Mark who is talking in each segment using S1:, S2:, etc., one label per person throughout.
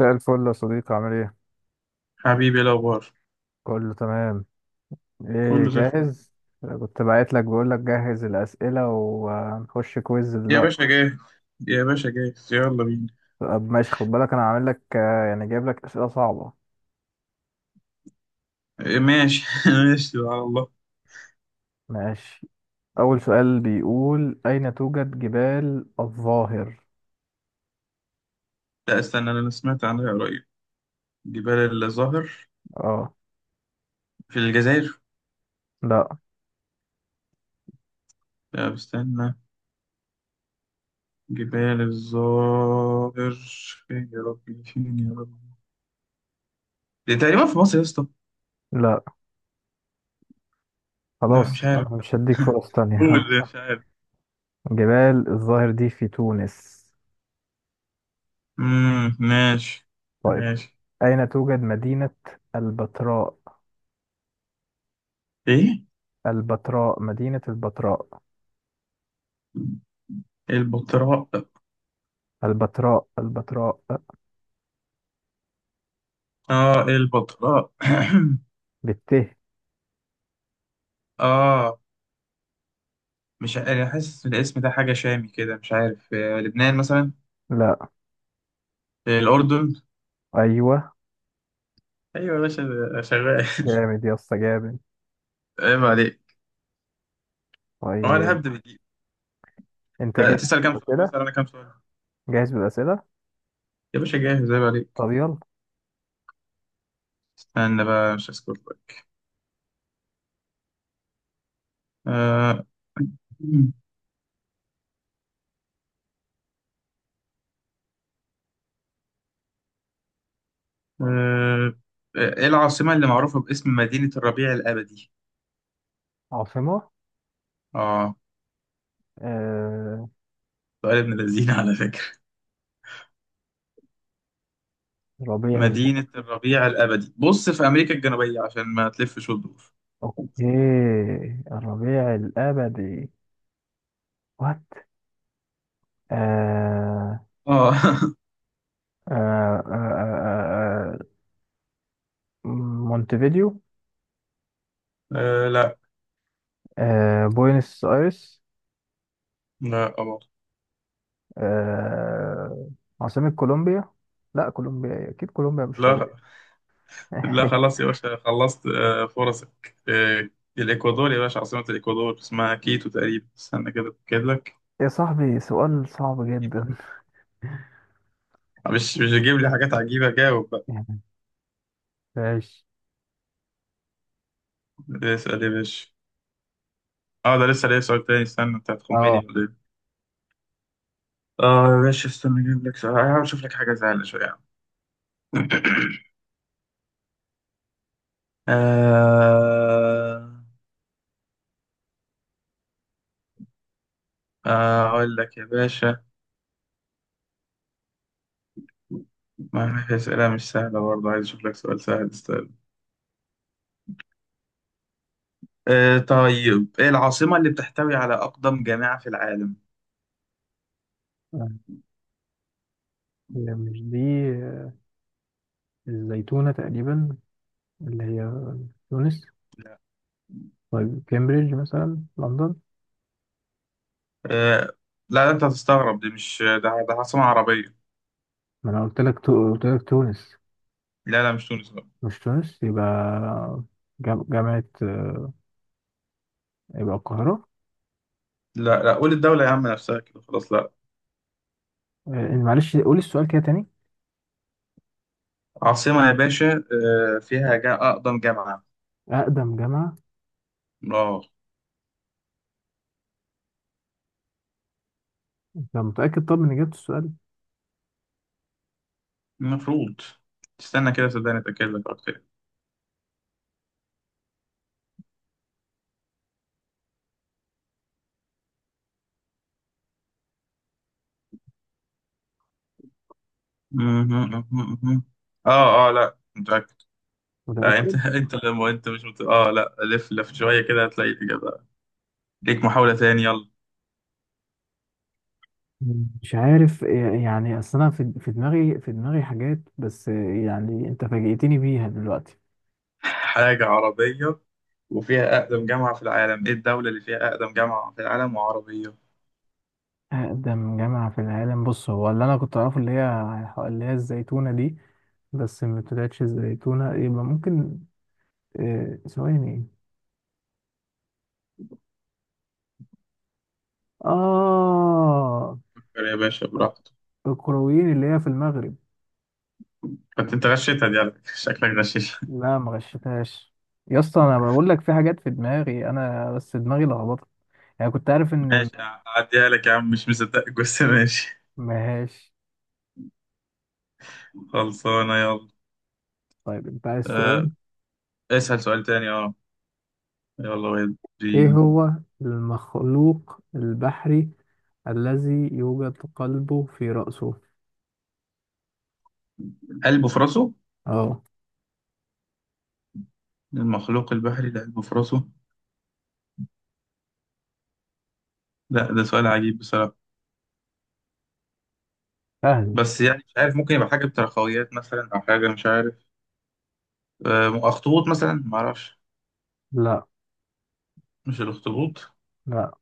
S1: مساء الفل يا صديقي، عامل ايه؟
S2: حبيبي، إيه الأخبار؟
S1: كله تمام. ايه
S2: كله زي الفل.
S1: جاهز؟ كنت باعت لك بقول لك جهز الأسئلة وهنخش كويز
S2: يا
S1: دلوقتي.
S2: باشا، جاهز. يا باشا، جاهز، يلا بينا.
S1: طب ماشي، خد بالك انا عامل لك يعني جايب لك أسئلة صعبة.
S2: إيه، ماشي ماشي على الله.
S1: ماشي. أول سؤال بيقول أين توجد جبال الظاهر؟
S2: لا، استنى، أنا سمعت عنها قريب. جبال الظاهر
S1: اه.
S2: في الجزائر.
S1: لا.
S2: لا، استنى. جبال الظاهر. فين يا ربي، فين يا ربي. دي تقريبا في مصر يا اسطى.
S1: لا
S2: لا، مش
S1: خلاص
S2: عارف.
S1: انا مش هديك فرص تانية.
S2: قول مش عارف.
S1: جبال الظاهر دي في تونس.
S2: ماشي.
S1: طيب،
S2: ماشي.
S1: أين توجد مدينة البتراء؟
S2: ايه،
S1: البتراء، مدينة البتراء
S2: البطراء.
S1: البتراء البتراء.
S2: اه، البطراء.
S1: بالت.
S2: اه. مش ع- انا حاسس إن الاسم ده حاجة شامي كده، مش عارف. لبنان مثلا.
S1: لا.
S2: الأردن.
S1: ايوه.
S2: أيوة يا باشا. ده شغال.
S1: جامد يا اسطى، جامد.
S2: عيب عليك. هو أنا
S1: طيب
S2: هبدأ بدي.
S1: انت جاهز
S2: تسأل كام سؤال
S1: بالاسئله؟
S2: مثلا؟ أنا كام سؤال؟
S1: جاهز بالاسئله.
S2: يا باشا، جاهز، عيب عليك.
S1: طب يلا.
S2: استنى بقى، مش هسكت لك. آه، آه، إيه العاصمة اللي معروفة باسم مدينة الربيع الأبدي؟
S1: عاصمه.
S2: آه
S1: آه...
S2: سؤال ابن لذينة على فكرة.
S1: ربيع
S2: مدينة
S1: الابدي.
S2: الربيع الأبدي، بص في أمريكا الجنوبية عشان ما تلفش وتدور.
S1: اوكي، الربيع الابدي. وات. آه...
S2: آه.
S1: آه... آه... آه... آه، مونتفيديو.
S2: لا.
S1: بوينس ايرس.
S2: لا.
S1: آه... عاصمه كولومبيا. لا، كولومبيا إيه؟ اكيد كولومبيا مش ربيع.
S2: لا لا، خلاص يا باشا، خلصت فرصك. الإكوادور يا باشا. عاصمة الإكوادور اسمها كيتو تقريبا. استنى كده أتأكد لك.
S1: يا صاحبي، سؤال صعب
S2: كيتو
S1: جدا.
S2: بقى. مش تجيب لي حاجات عجيبة، جاوب بقى.
S1: يعني ماشي.
S2: اسأل يا باشا. اه، ده لسه ليا سؤال تاني. استنى، أنت
S1: اه،
S2: هتخمني ولا إيه؟ اه يا باشا، استنى أجيب لك سؤال، هحاول أشوف لك حاجة زعلة شوية يا عم. آه، أقول لك يا باشا. ما في أسئلة مش سهلة، برضه عايز أشوف لك سؤال سهل. طيب، ايه العاصمة اللي بتحتوي على أقدم جامعة في العالم؟
S1: هي مش دي. آه، الزيتونة تقريبا، اللي هي تونس. طيب كامبريدج مثلا، لندن.
S2: آه، لا لا، انت هتستغرب، دي مش ده عاصمة عربية.
S1: ما انا قلت لك تونس.
S2: لا لا، مش تونس، لا.
S1: مش تونس يبقى. جامعة، يبقى القاهرة.
S2: لا لا، قول الدولة يا عم نفسها كده، خلاص، لا.
S1: معلش قولي السؤال كده تاني.
S2: عاصمة يا باشا فيها جا أقدم جامعة.
S1: أقدم جامعة.
S2: اه.
S1: أنت متأكد طب من إجابة السؤال؟
S2: المفروض. استنى كده صدقني اتأكد لك أكتر. مهم، مهم، مهم. اه اه، لا، متأكد. لا،
S1: متأكد.
S2: انت انت لما انت مش مت... اه لا، لف لف شوية كده هتلاقي الإجابة. ليك محاولة تاني، يلا.
S1: مش عارف، يعني أصل أنا في دماغي، في دماغي حاجات، بس يعني أنت فاجئتني بيها دلوقتي.
S2: حاجة عربية. وفيها أقدم جامعة في العالم. إيه الدولة اللي فيها أقدم جامعة في العالم وعربية؟
S1: أقدم جامعة في العالم، بص هو اللي أنا كنت أعرفه اللي هي الزيتونة دي، بس ما طلعتش الزيتونة، يبقى ممكن ثواني. إيه؟ آه،
S2: فكر يا باشا براحتك.
S1: الكرويين اللي هي في المغرب.
S2: كنت أنت غشيتها دي على فكرة. شكلك غشيش.
S1: لا ما غشتهاش يا اسطى، أنا بقول لك في حاجات في دماغي أنا، بس دماغي لخبطت. يعني كنت عارف إن
S2: ماشي، أعديها لك يا عم، مش مصدقك بس ماشي.
S1: مهاش.
S2: خلصانة، يلا.
S1: طيب أنت عايز
S2: أه.
S1: سؤال؟
S2: اسأل سؤال تاني، أه. يلا
S1: إيه
S2: ودي.
S1: هو المخلوق البحري الذي يوجد قلبه في رأسه؟
S2: قلبه في راسه؟
S1: أه
S2: المخلوق البحري ده قلبه في راسه؟ لا، ده سؤال عجيب بصراحة.
S1: سهل.
S2: بس يعني مش عارف، ممكن يبقى حاجة بتراخويات مثلا أو حاجة، مش عارف. أخطبوط مثلا، معرفش.
S1: لا.
S2: مش الأخطبوط.
S1: لا.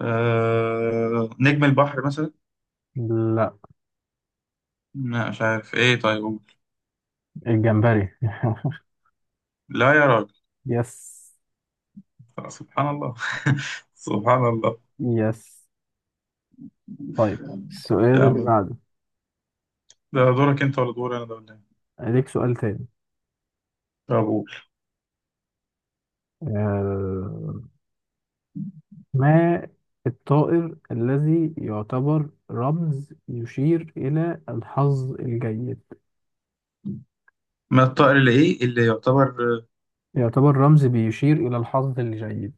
S2: نجم البحر مثلا.
S1: لا
S2: لا، مش عارف ايه، طيب.
S1: الجمبري.
S2: لا يا راجل.
S1: يس.
S2: سبحان الله. سبحان الله.
S1: يس. طيب السؤال
S2: يا
S1: اللي
S2: عم.
S1: بعده.
S2: ده دورك انت ولا دور انا ده ولا ايه؟
S1: ليك سؤال تاني.
S2: طب قول.
S1: آه، ما الطائر الذي يعتبر رمز يشير إلى الحظ الجيد؟
S2: ما الطائر اللي ايه اللي يعتبر؟
S1: يعتبر رمز بيشير إلى الحظ الجيد.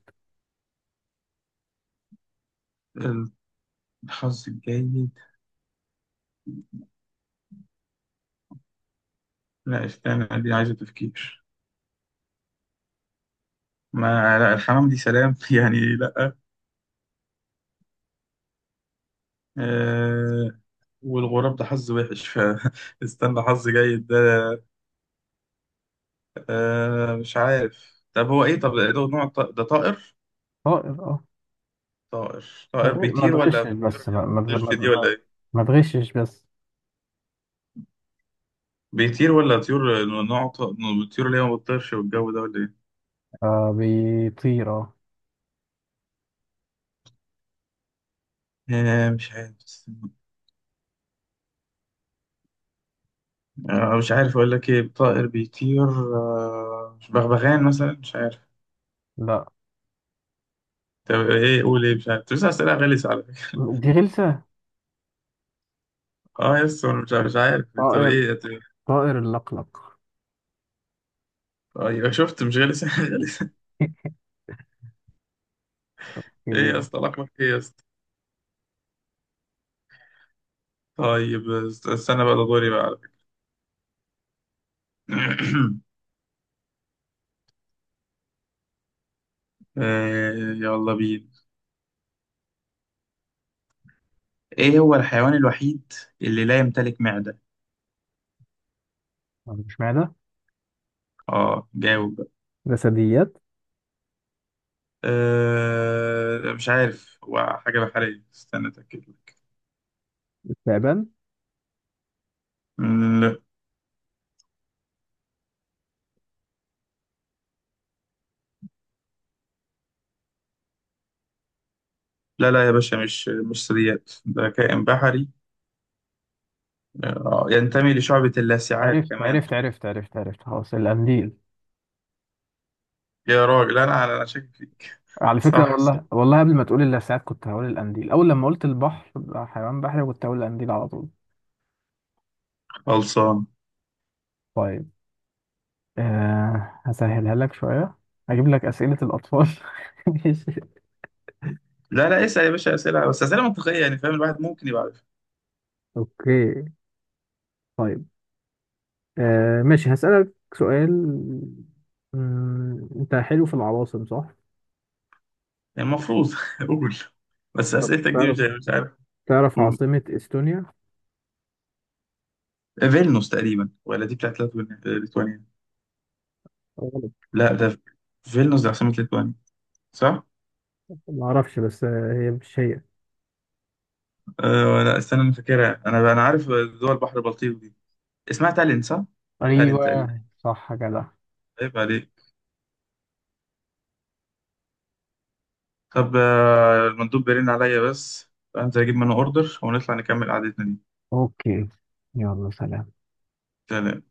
S2: آه، الحظ الجيد. لا، استنى، دي عايزة تفكير. ما لا، الحمام دي سلام يعني لا. آه. والغراب ده حظ وحش. فاستنى، حظ جيد ده. مش عارف. طب هو ايه؟ طب ده نوع ده طائر؟
S1: طائر، اه.
S2: طائر. طائر
S1: ما
S2: بيطير ولا
S1: تغشش
S2: بيطير
S1: بس،
S2: اللي
S1: ما
S2: هي ما
S1: ما ما,
S2: بتطيرش دي ولا
S1: ما
S2: ايه؟
S1: ما تغشش بس.
S2: بيطير ولا طيور نوع الطيور اللي هي ما بتطيرش والجو ده ولا ايه؟
S1: آه بيطير، اه.
S2: مش عارف. مش عارف اقول لك ايه طائر بيطير. مش بغبغان مثلا، مش عارف.
S1: لا.
S2: طب ايه؟ قول ايه، مش عارف، بس اسئله غلسه على فكره.
S1: دي غلسة.
S2: اه يس، انا مش عارف، مش عارف. طب
S1: طائر.
S2: ايه؟ طيب.
S1: طائر اللقلق.
S2: ايوه، شفت؟ مش غلسه غلسه. ايه يا اسطى؟ لقبك ايه يا اسطى؟ طيب استنى بقى، ده دوري بقى على فكره. يلا بينا. ايه هو الحيوان الوحيد اللي لا يمتلك معده؟
S1: مش معنى
S2: اه، جاوب.
S1: جسديات.
S2: مش عارف، هو حاجة بحرية، استنى أتأكد لك.
S1: استعبان.
S2: مم، لا لا يا باشا، مش ثدييات، ده كائن بحري. ينتمي لشعبة اللاسعات
S1: عرفت
S2: كمان.
S1: عرفت عرفت عرفت عرفت خلاص القنديل.
S2: يا راجل، أنا شاكك فيك.
S1: على فكرة
S2: صح، صح.
S1: والله، والله قبل ما تقول اللسعات كنت هقول القنديل، أول لما قلت البحر بقى حيوان بحري كنت هقول القنديل على طول.
S2: خلصان.
S1: طيب، آه هسهلها لك شوية، هجيب لك أسئلة الأطفال. ماشي.
S2: لا لا، اسأل يا باشا أسئلة، بس أسئلة منطقية يعني فاهم، الواحد ممكن يبقى عارف.
S1: اوكي. طيب، آه ماشي هسألك سؤال. انت حلو في العواصم، صح؟
S2: يعني المفروض قول. بس
S1: طب
S2: أسئلتك دي مش
S1: تعرف،
S2: مش عارف.
S1: تعرف
S2: قول.
S1: عاصمة استونيا؟
S2: فيلنوس تقريبا، ولا دي بتاعت ليتوانيا.
S1: غلط.
S2: لا، ده. فيلنوس ده عاصمة ليتوانيا، صح؟
S1: ما اعرفش بس هي مش هي.
S2: أه، لا، استنى، انا فاكرها، انا عارف دول بحر البلطيق دي. اسمها تالين صح؟ تالين
S1: ايوه
S2: تقريبا.
S1: صح كده.
S2: عيب عليك. طب المندوب بيرن عليا بس، فانزل اجيب منه اوردر ونطلع نكمل قعدتنا دي.
S1: اوكي، يلا سلام.
S2: سلام.